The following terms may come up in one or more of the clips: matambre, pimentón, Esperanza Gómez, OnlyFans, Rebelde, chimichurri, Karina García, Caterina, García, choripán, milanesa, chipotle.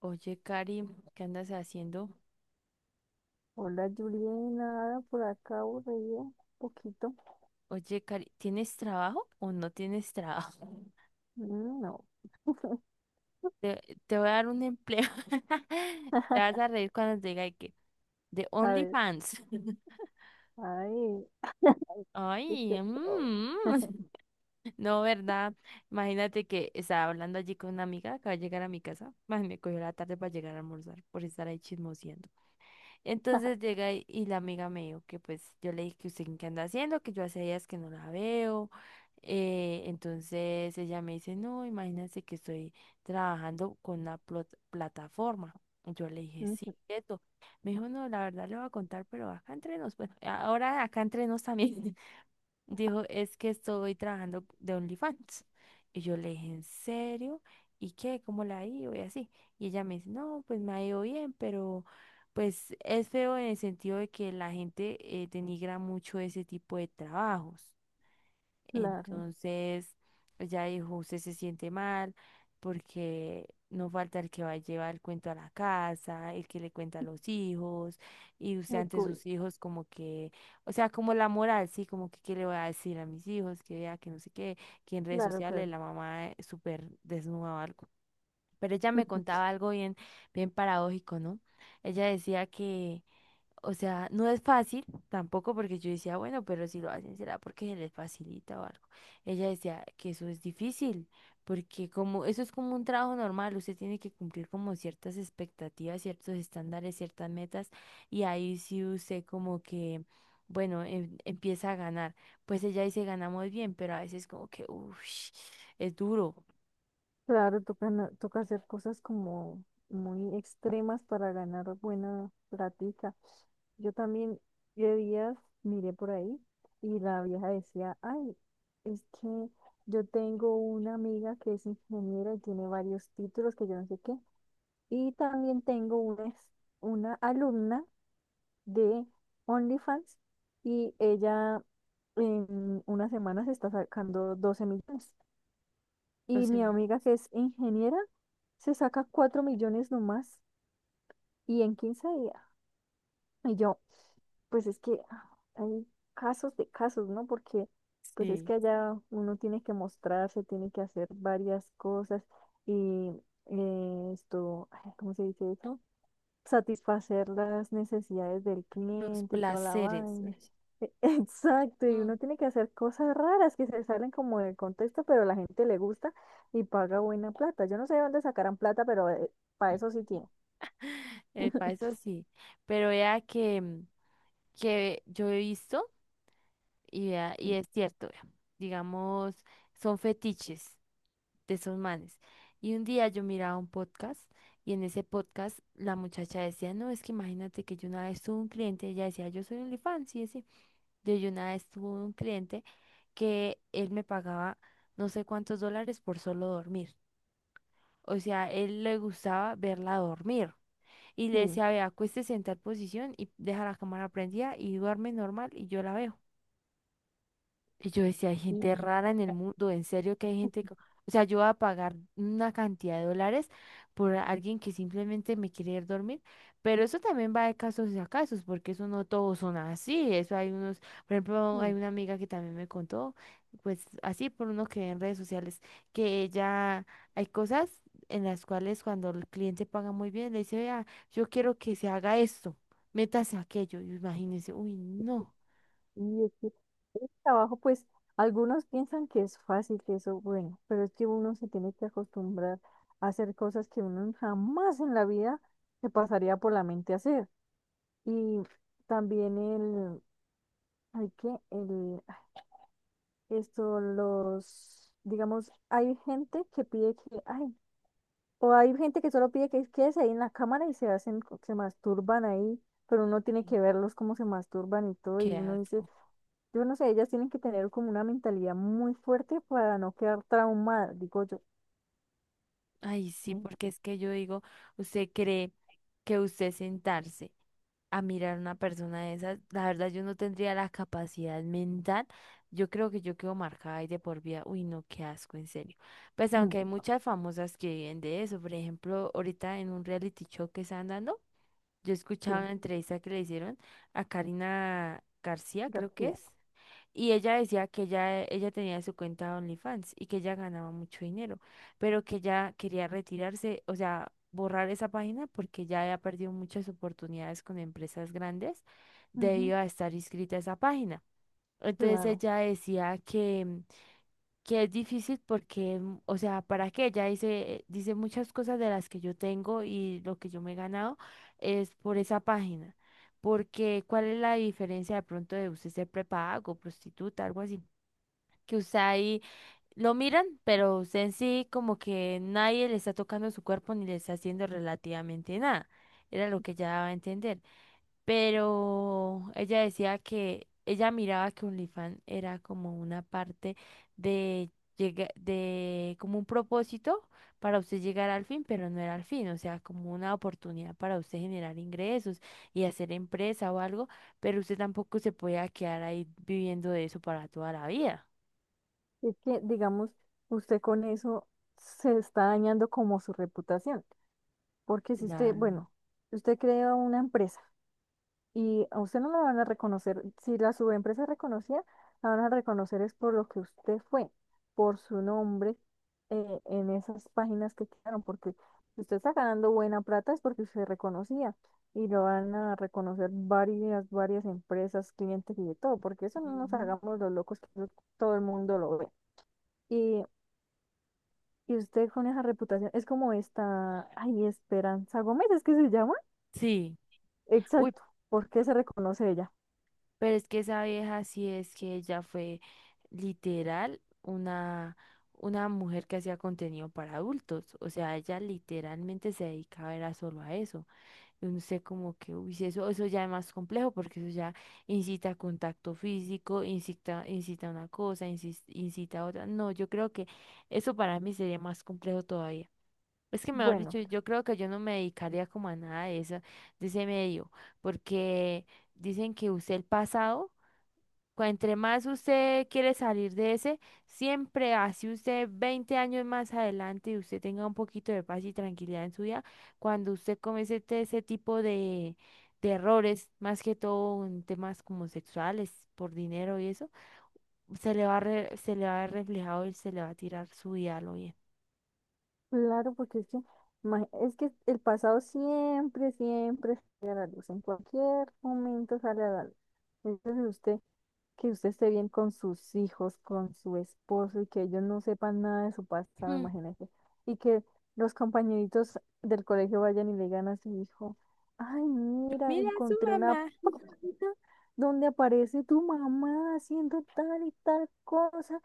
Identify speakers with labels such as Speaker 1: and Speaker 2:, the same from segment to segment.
Speaker 1: Oye, Cari, ¿qué andas haciendo?
Speaker 2: Hola Juliana, ah, por acá aburrida, un poquito.
Speaker 1: Oye, Cari, ¿tienes trabajo o no tienes trabajo?
Speaker 2: No.
Speaker 1: Te, te voy a dar un empleo. Te vas a reír cuando te diga de que de
Speaker 2: A ver,
Speaker 1: OnlyFans.
Speaker 2: ay, ay, ¿qué es
Speaker 1: Ay,
Speaker 2: esto?
Speaker 1: mm. No, ¿verdad? Imagínate que estaba hablando allí con una amiga, acaba de llegar a mi casa. Más me cogió la tarde para llegar a almorzar por estar ahí chismoseando. Entonces llega y la amiga me dijo que pues yo le dije que usted qué anda haciendo, que yo hace días que no la veo. Entonces ella me dice, no, imagínense que estoy trabajando con una plataforma. Y yo le dije, sí,
Speaker 2: Mm.
Speaker 1: quieto. Me dijo, no, la verdad le voy a contar, pero acá entre nos, bueno, ahora acá entre nos también. Dijo, es que estoy trabajando de OnlyFans. Y yo le dije, ¿en serio? ¿Y qué? ¿Cómo la ha ido? Y así. Y ella me dice, no, pues me ha ido bien, pero pues es feo en el sentido de que la gente denigra mucho ese tipo de trabajos.
Speaker 2: Claro,
Speaker 1: Entonces, ella dijo, usted se siente mal porque no falta el que va a llevar el cuento a la casa, el que le cuenta a los hijos, y usted ante
Speaker 2: descubrí.
Speaker 1: sus hijos como que, o sea, como la moral, sí, como que qué le voy a decir a mis hijos, que vea que no sé qué, que en redes
Speaker 2: Claro,
Speaker 1: sociales
Speaker 2: claro.
Speaker 1: la mamá súper desnuda o algo. Pero ella me contaba algo bien, bien paradójico, ¿no? Ella decía que o sea, no es fácil tampoco porque yo decía, bueno, pero si lo hacen será porque se les facilita o algo. Ella decía que eso es difícil porque como eso es como un trabajo normal, usted tiene que cumplir como ciertas expectativas, ciertos estándares, ciertas metas y ahí sí usted como que, bueno, empieza a ganar. Pues ella dice, ganamos bien, pero a veces como que, uff, es duro.
Speaker 2: Claro, toca, toca hacer cosas como muy extremas para ganar buena platica. Yo también, de días, miré por ahí y la vieja decía, ay, es que yo tengo una amiga que es ingeniera y tiene varios títulos que yo no sé qué. Y también tengo una, una alumna de OnlyFans, y ella en unas semanas está sacando 12 millones. Y
Speaker 1: Los,
Speaker 2: mi
Speaker 1: em-
Speaker 2: amiga que es ingeniera se saca 4 millones nomás y en 15 días. Y yo, pues es que hay casos de casos, ¿no? Porque pues es
Speaker 1: sí,
Speaker 2: que allá uno tiene que mostrarse, tiene que hacer varias cosas y ¿cómo se dice eso? Satisfacer las necesidades del
Speaker 1: los
Speaker 2: cliente y toda la
Speaker 1: placeres. Uy,
Speaker 2: vaina. Exacto, y
Speaker 1: mm,
Speaker 2: uno tiene que hacer cosas raras que se salen como del contexto, pero la gente le gusta y paga buena plata. Yo no sé de dónde sacarán plata, pero para eso sí tiene.
Speaker 1: para eso sí. Pero vea que mm, que yo he visto y, vea, y es cierto, vea, digamos, son fetiches de esos manes. Y un día yo miraba un podcast y en ese podcast la muchacha decía, no, es que imagínate que yo una vez tuve un cliente, ella decía, yo soy OnlyFans, y sí. Yo una vez tuve un cliente que él me pagaba no sé cuántos dólares por solo dormir. O sea, él le gustaba verla dormir. Y
Speaker 2: Sí,
Speaker 1: le decía, vea, acuéstese en tal posición y deja la cámara prendida y duerme normal y yo la veo. Y yo decía, hay gente
Speaker 2: sí,
Speaker 1: rara en el mundo, en serio que hay gente, o sea, yo voy a pagar una cantidad de dólares por alguien que simplemente me quiere ir a dormir, pero eso también va de casos a casos, porque eso no todos son así, eso hay unos, por ejemplo, hay una amiga que también me contó, pues así por uno que ve en redes sociales, que ella, hay cosas en las cuales cuando el cliente paga muy bien, le dice, vea, yo quiero que se haga esto, métase aquello, y imagínense, uy, no,
Speaker 2: y es que el trabajo, pues, algunos piensan que es fácil, que eso, bueno, pero es que uno se tiene que acostumbrar a hacer cosas que uno jamás en la vida se pasaría por la mente hacer. Y también hay que el, esto, los, digamos, hay gente que pide que, ay, o hay gente que solo pide que quedes ahí en la cámara y se hacen, se masturban ahí, pero uno
Speaker 1: sí.
Speaker 2: tiene que verlos cómo se masturban y todo, y
Speaker 1: Qué
Speaker 2: uno dice,
Speaker 1: asco.
Speaker 2: yo no sé, ellas tienen que tener como una mentalidad muy fuerte para no quedar traumada, digo yo.
Speaker 1: Ay, sí,
Speaker 2: Mm,
Speaker 1: porque es que yo digo, usted cree que usted sentarse a mirar a una persona de esas, la verdad yo no tendría la capacidad mental, yo creo que yo quedo marcada y de por vida, uy, no, qué asco, en serio. Pues
Speaker 2: uy,
Speaker 1: aunque hay muchas famosas que viven de eso, por ejemplo, ahorita en un reality show que están dando, yo escuchaba
Speaker 2: sí,
Speaker 1: una entrevista que le hicieron a Karina García, creo que
Speaker 2: García.
Speaker 1: es. Y ella decía que ella tenía su cuenta de OnlyFans y que ella ganaba mucho dinero, pero que ella quería retirarse, o sea, borrar esa página porque ya había perdido muchas oportunidades con empresas grandes
Speaker 2: Ujú,
Speaker 1: debido a estar inscrita a esa página. Entonces
Speaker 2: claro.
Speaker 1: ella decía que, mm, que es difícil porque, mm, o sea, ¿para qué? Ella dice, dice muchas cosas de las que yo tengo y lo que yo me he ganado es por esa página. Porque, ¿cuál es la diferencia de pronto de usted ser prepago, prostituta, algo así? Que usted ahí lo miran, pero en sí como que nadie le está tocando su cuerpo ni le está haciendo relativamente nada. Era lo que ella daba a entender. Pero ella decía que ella miraba que OnlyFans era como una parte de, de como un propósito para usted llegar al fin, pero no era al fin, o sea, como una oportunidad para usted generar ingresos y hacer empresa o algo, pero usted tampoco se podía quedar ahí viviendo de eso para toda la vida.
Speaker 2: Es que, digamos, usted con eso se está dañando como su reputación. Porque si usted,
Speaker 1: Claro.
Speaker 2: bueno, si usted crea una empresa y a usted no la van a reconocer, si la subempresa es reconocida, la van a reconocer es por lo que usted fue, por su nombre, en esas páginas que quedaron, porque si usted está ganando buena plata es porque usted reconocía y lo van a reconocer varias empresas, clientes y de todo, porque eso, no nos
Speaker 1: Ujú.
Speaker 2: hagamos los locos, que eso todo el mundo lo ve. Y, y usted con esa reputación es como esta, ay, Esperanza Gómez, es que se llama.
Speaker 1: Sí, uy,
Speaker 2: Exacto, ¿por qué se reconoce ella?
Speaker 1: pero es que esa vieja sí es que ella fue literal una mujer que hacía contenido para adultos, o sea, ella literalmente se dedicaba era solo a eso, y uno sé como que, uy, si eso, eso ya es más complejo porque eso ya incita a contacto físico, incita, incita a una cosa, incita a otra, no, yo creo que eso para mí sería más complejo todavía. Es que mejor
Speaker 2: Bueno,
Speaker 1: dicho, yo creo que yo no me dedicaría como a nada de eso, de ese medio, porque dicen que usted el pasado, entre más usted quiere salir de ese, siempre así usted 20 años más adelante y usted tenga un poquito de paz y tranquilidad en su vida, cuando usted comete ese tipo de errores, más que todo en temas como sexuales, por dinero y eso, se le va a se le va a ver reflejado y se le va a tirar su vida a lo bien.
Speaker 2: claro, porque es que, es que el pasado siempre sale a la luz, en cualquier momento sale a la luz. Entonces usted, que usted esté bien con sus hijos, con su esposo, y que ellos no sepan nada de su pasado,
Speaker 1: Mm.
Speaker 2: imagínese. Y que los compañeritos del colegio vayan y le digan a su hijo, ay, mira, encontré una página donde aparece tu mamá haciendo tal y tal cosa.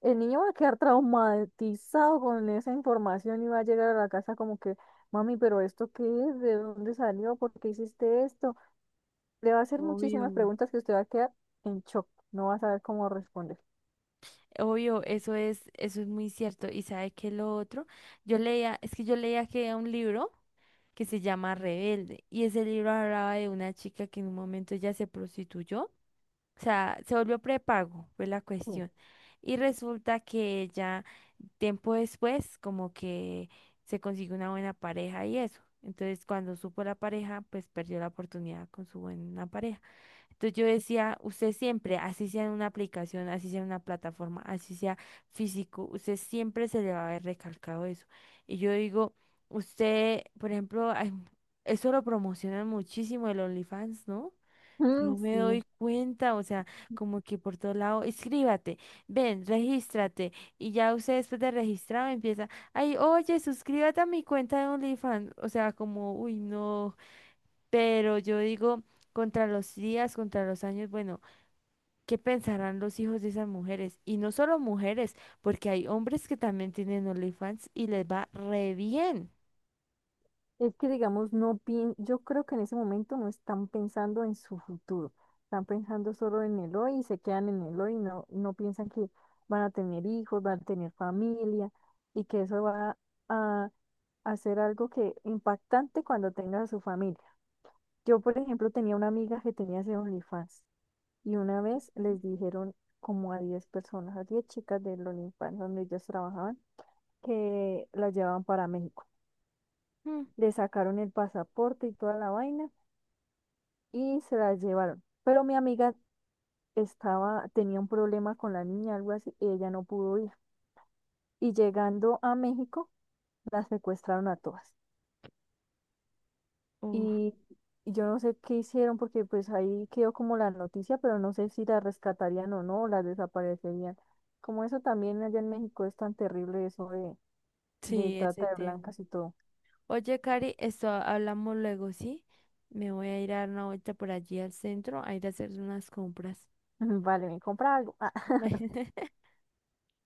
Speaker 2: El niño va a quedar traumatizado con esa información y va a llegar a la casa como que, mami, pero ¿esto qué es? ¿De dónde salió? ¿Por qué hiciste esto? Le va a hacer
Speaker 1: Obvio.
Speaker 2: muchísimas preguntas que usted va a quedar en shock, no va a saber cómo responder.
Speaker 1: Obvio, eso es muy cierto. ¿Y sabe qué es lo otro? Yo leía, es que yo leía que era un libro que se llama Rebelde, y ese libro hablaba de una chica que en un momento ya se prostituyó, o sea, se volvió prepago, fue la
Speaker 2: Sí.
Speaker 1: cuestión. Y resulta que ella, tiempo después, como que se consiguió una buena pareja y eso. Entonces, cuando supo la pareja, pues perdió la oportunidad con su buena pareja. Entonces yo decía, usted siempre, así sea en una aplicación, así sea en una plataforma, así sea físico, usted siempre se le va a haber recalcado eso. Y yo digo, usted, por ejemplo, ay, eso lo promocionan muchísimo el OnlyFans, ¿no?
Speaker 2: Mm,
Speaker 1: Yo me
Speaker 2: sí.
Speaker 1: doy cuenta, o sea, como que por todo lado, escríbate, ven, regístrate. Y ya usted después de registrado empieza, ay, oye, suscríbete a mi cuenta de OnlyFans. O sea, como, uy, no. Pero yo digo, contra los días, contra los años, bueno, ¿qué pensarán los hijos de esas mujeres? Y no solo mujeres, porque hay hombres que también tienen OnlyFans y les va re bien.
Speaker 2: Es que, digamos, no pien- yo creo que en ese momento no están pensando en su futuro, están pensando solo en el hoy y se quedan en el hoy, no, no piensan que van a tener hijos, van a tener familia y que eso va a hacer algo que impactante cuando tenga a su familia. Yo, por ejemplo, tenía una amiga que tenía ese OnlyFans y una vez les dijeron como a 10 personas, a 10 chicas del OnlyFans donde ellos trabajaban, que las llevaban para México.
Speaker 1: Mm.
Speaker 2: Le sacaron el pasaporte y toda la vaina y se la llevaron. Pero mi amiga estaba, tenía un problema con la niña, algo así, y ella no pudo ir. Y llegando a México, las secuestraron a todas.
Speaker 1: Uf,
Speaker 2: Y y yo no sé qué hicieron, porque pues ahí quedó como la noticia, pero no sé si la rescatarían o no, o las desaparecerían. Como eso también allá en México es tan terrible eso de
Speaker 1: sí, ese
Speaker 2: trata de
Speaker 1: tema.
Speaker 2: blancas y todo.
Speaker 1: Oye, Cari, esto hablamos luego, ¿sí? Me voy a ir a dar una vuelta por allí al centro a ir a hacer unas compras.
Speaker 2: Vale, me compra algo. Ah,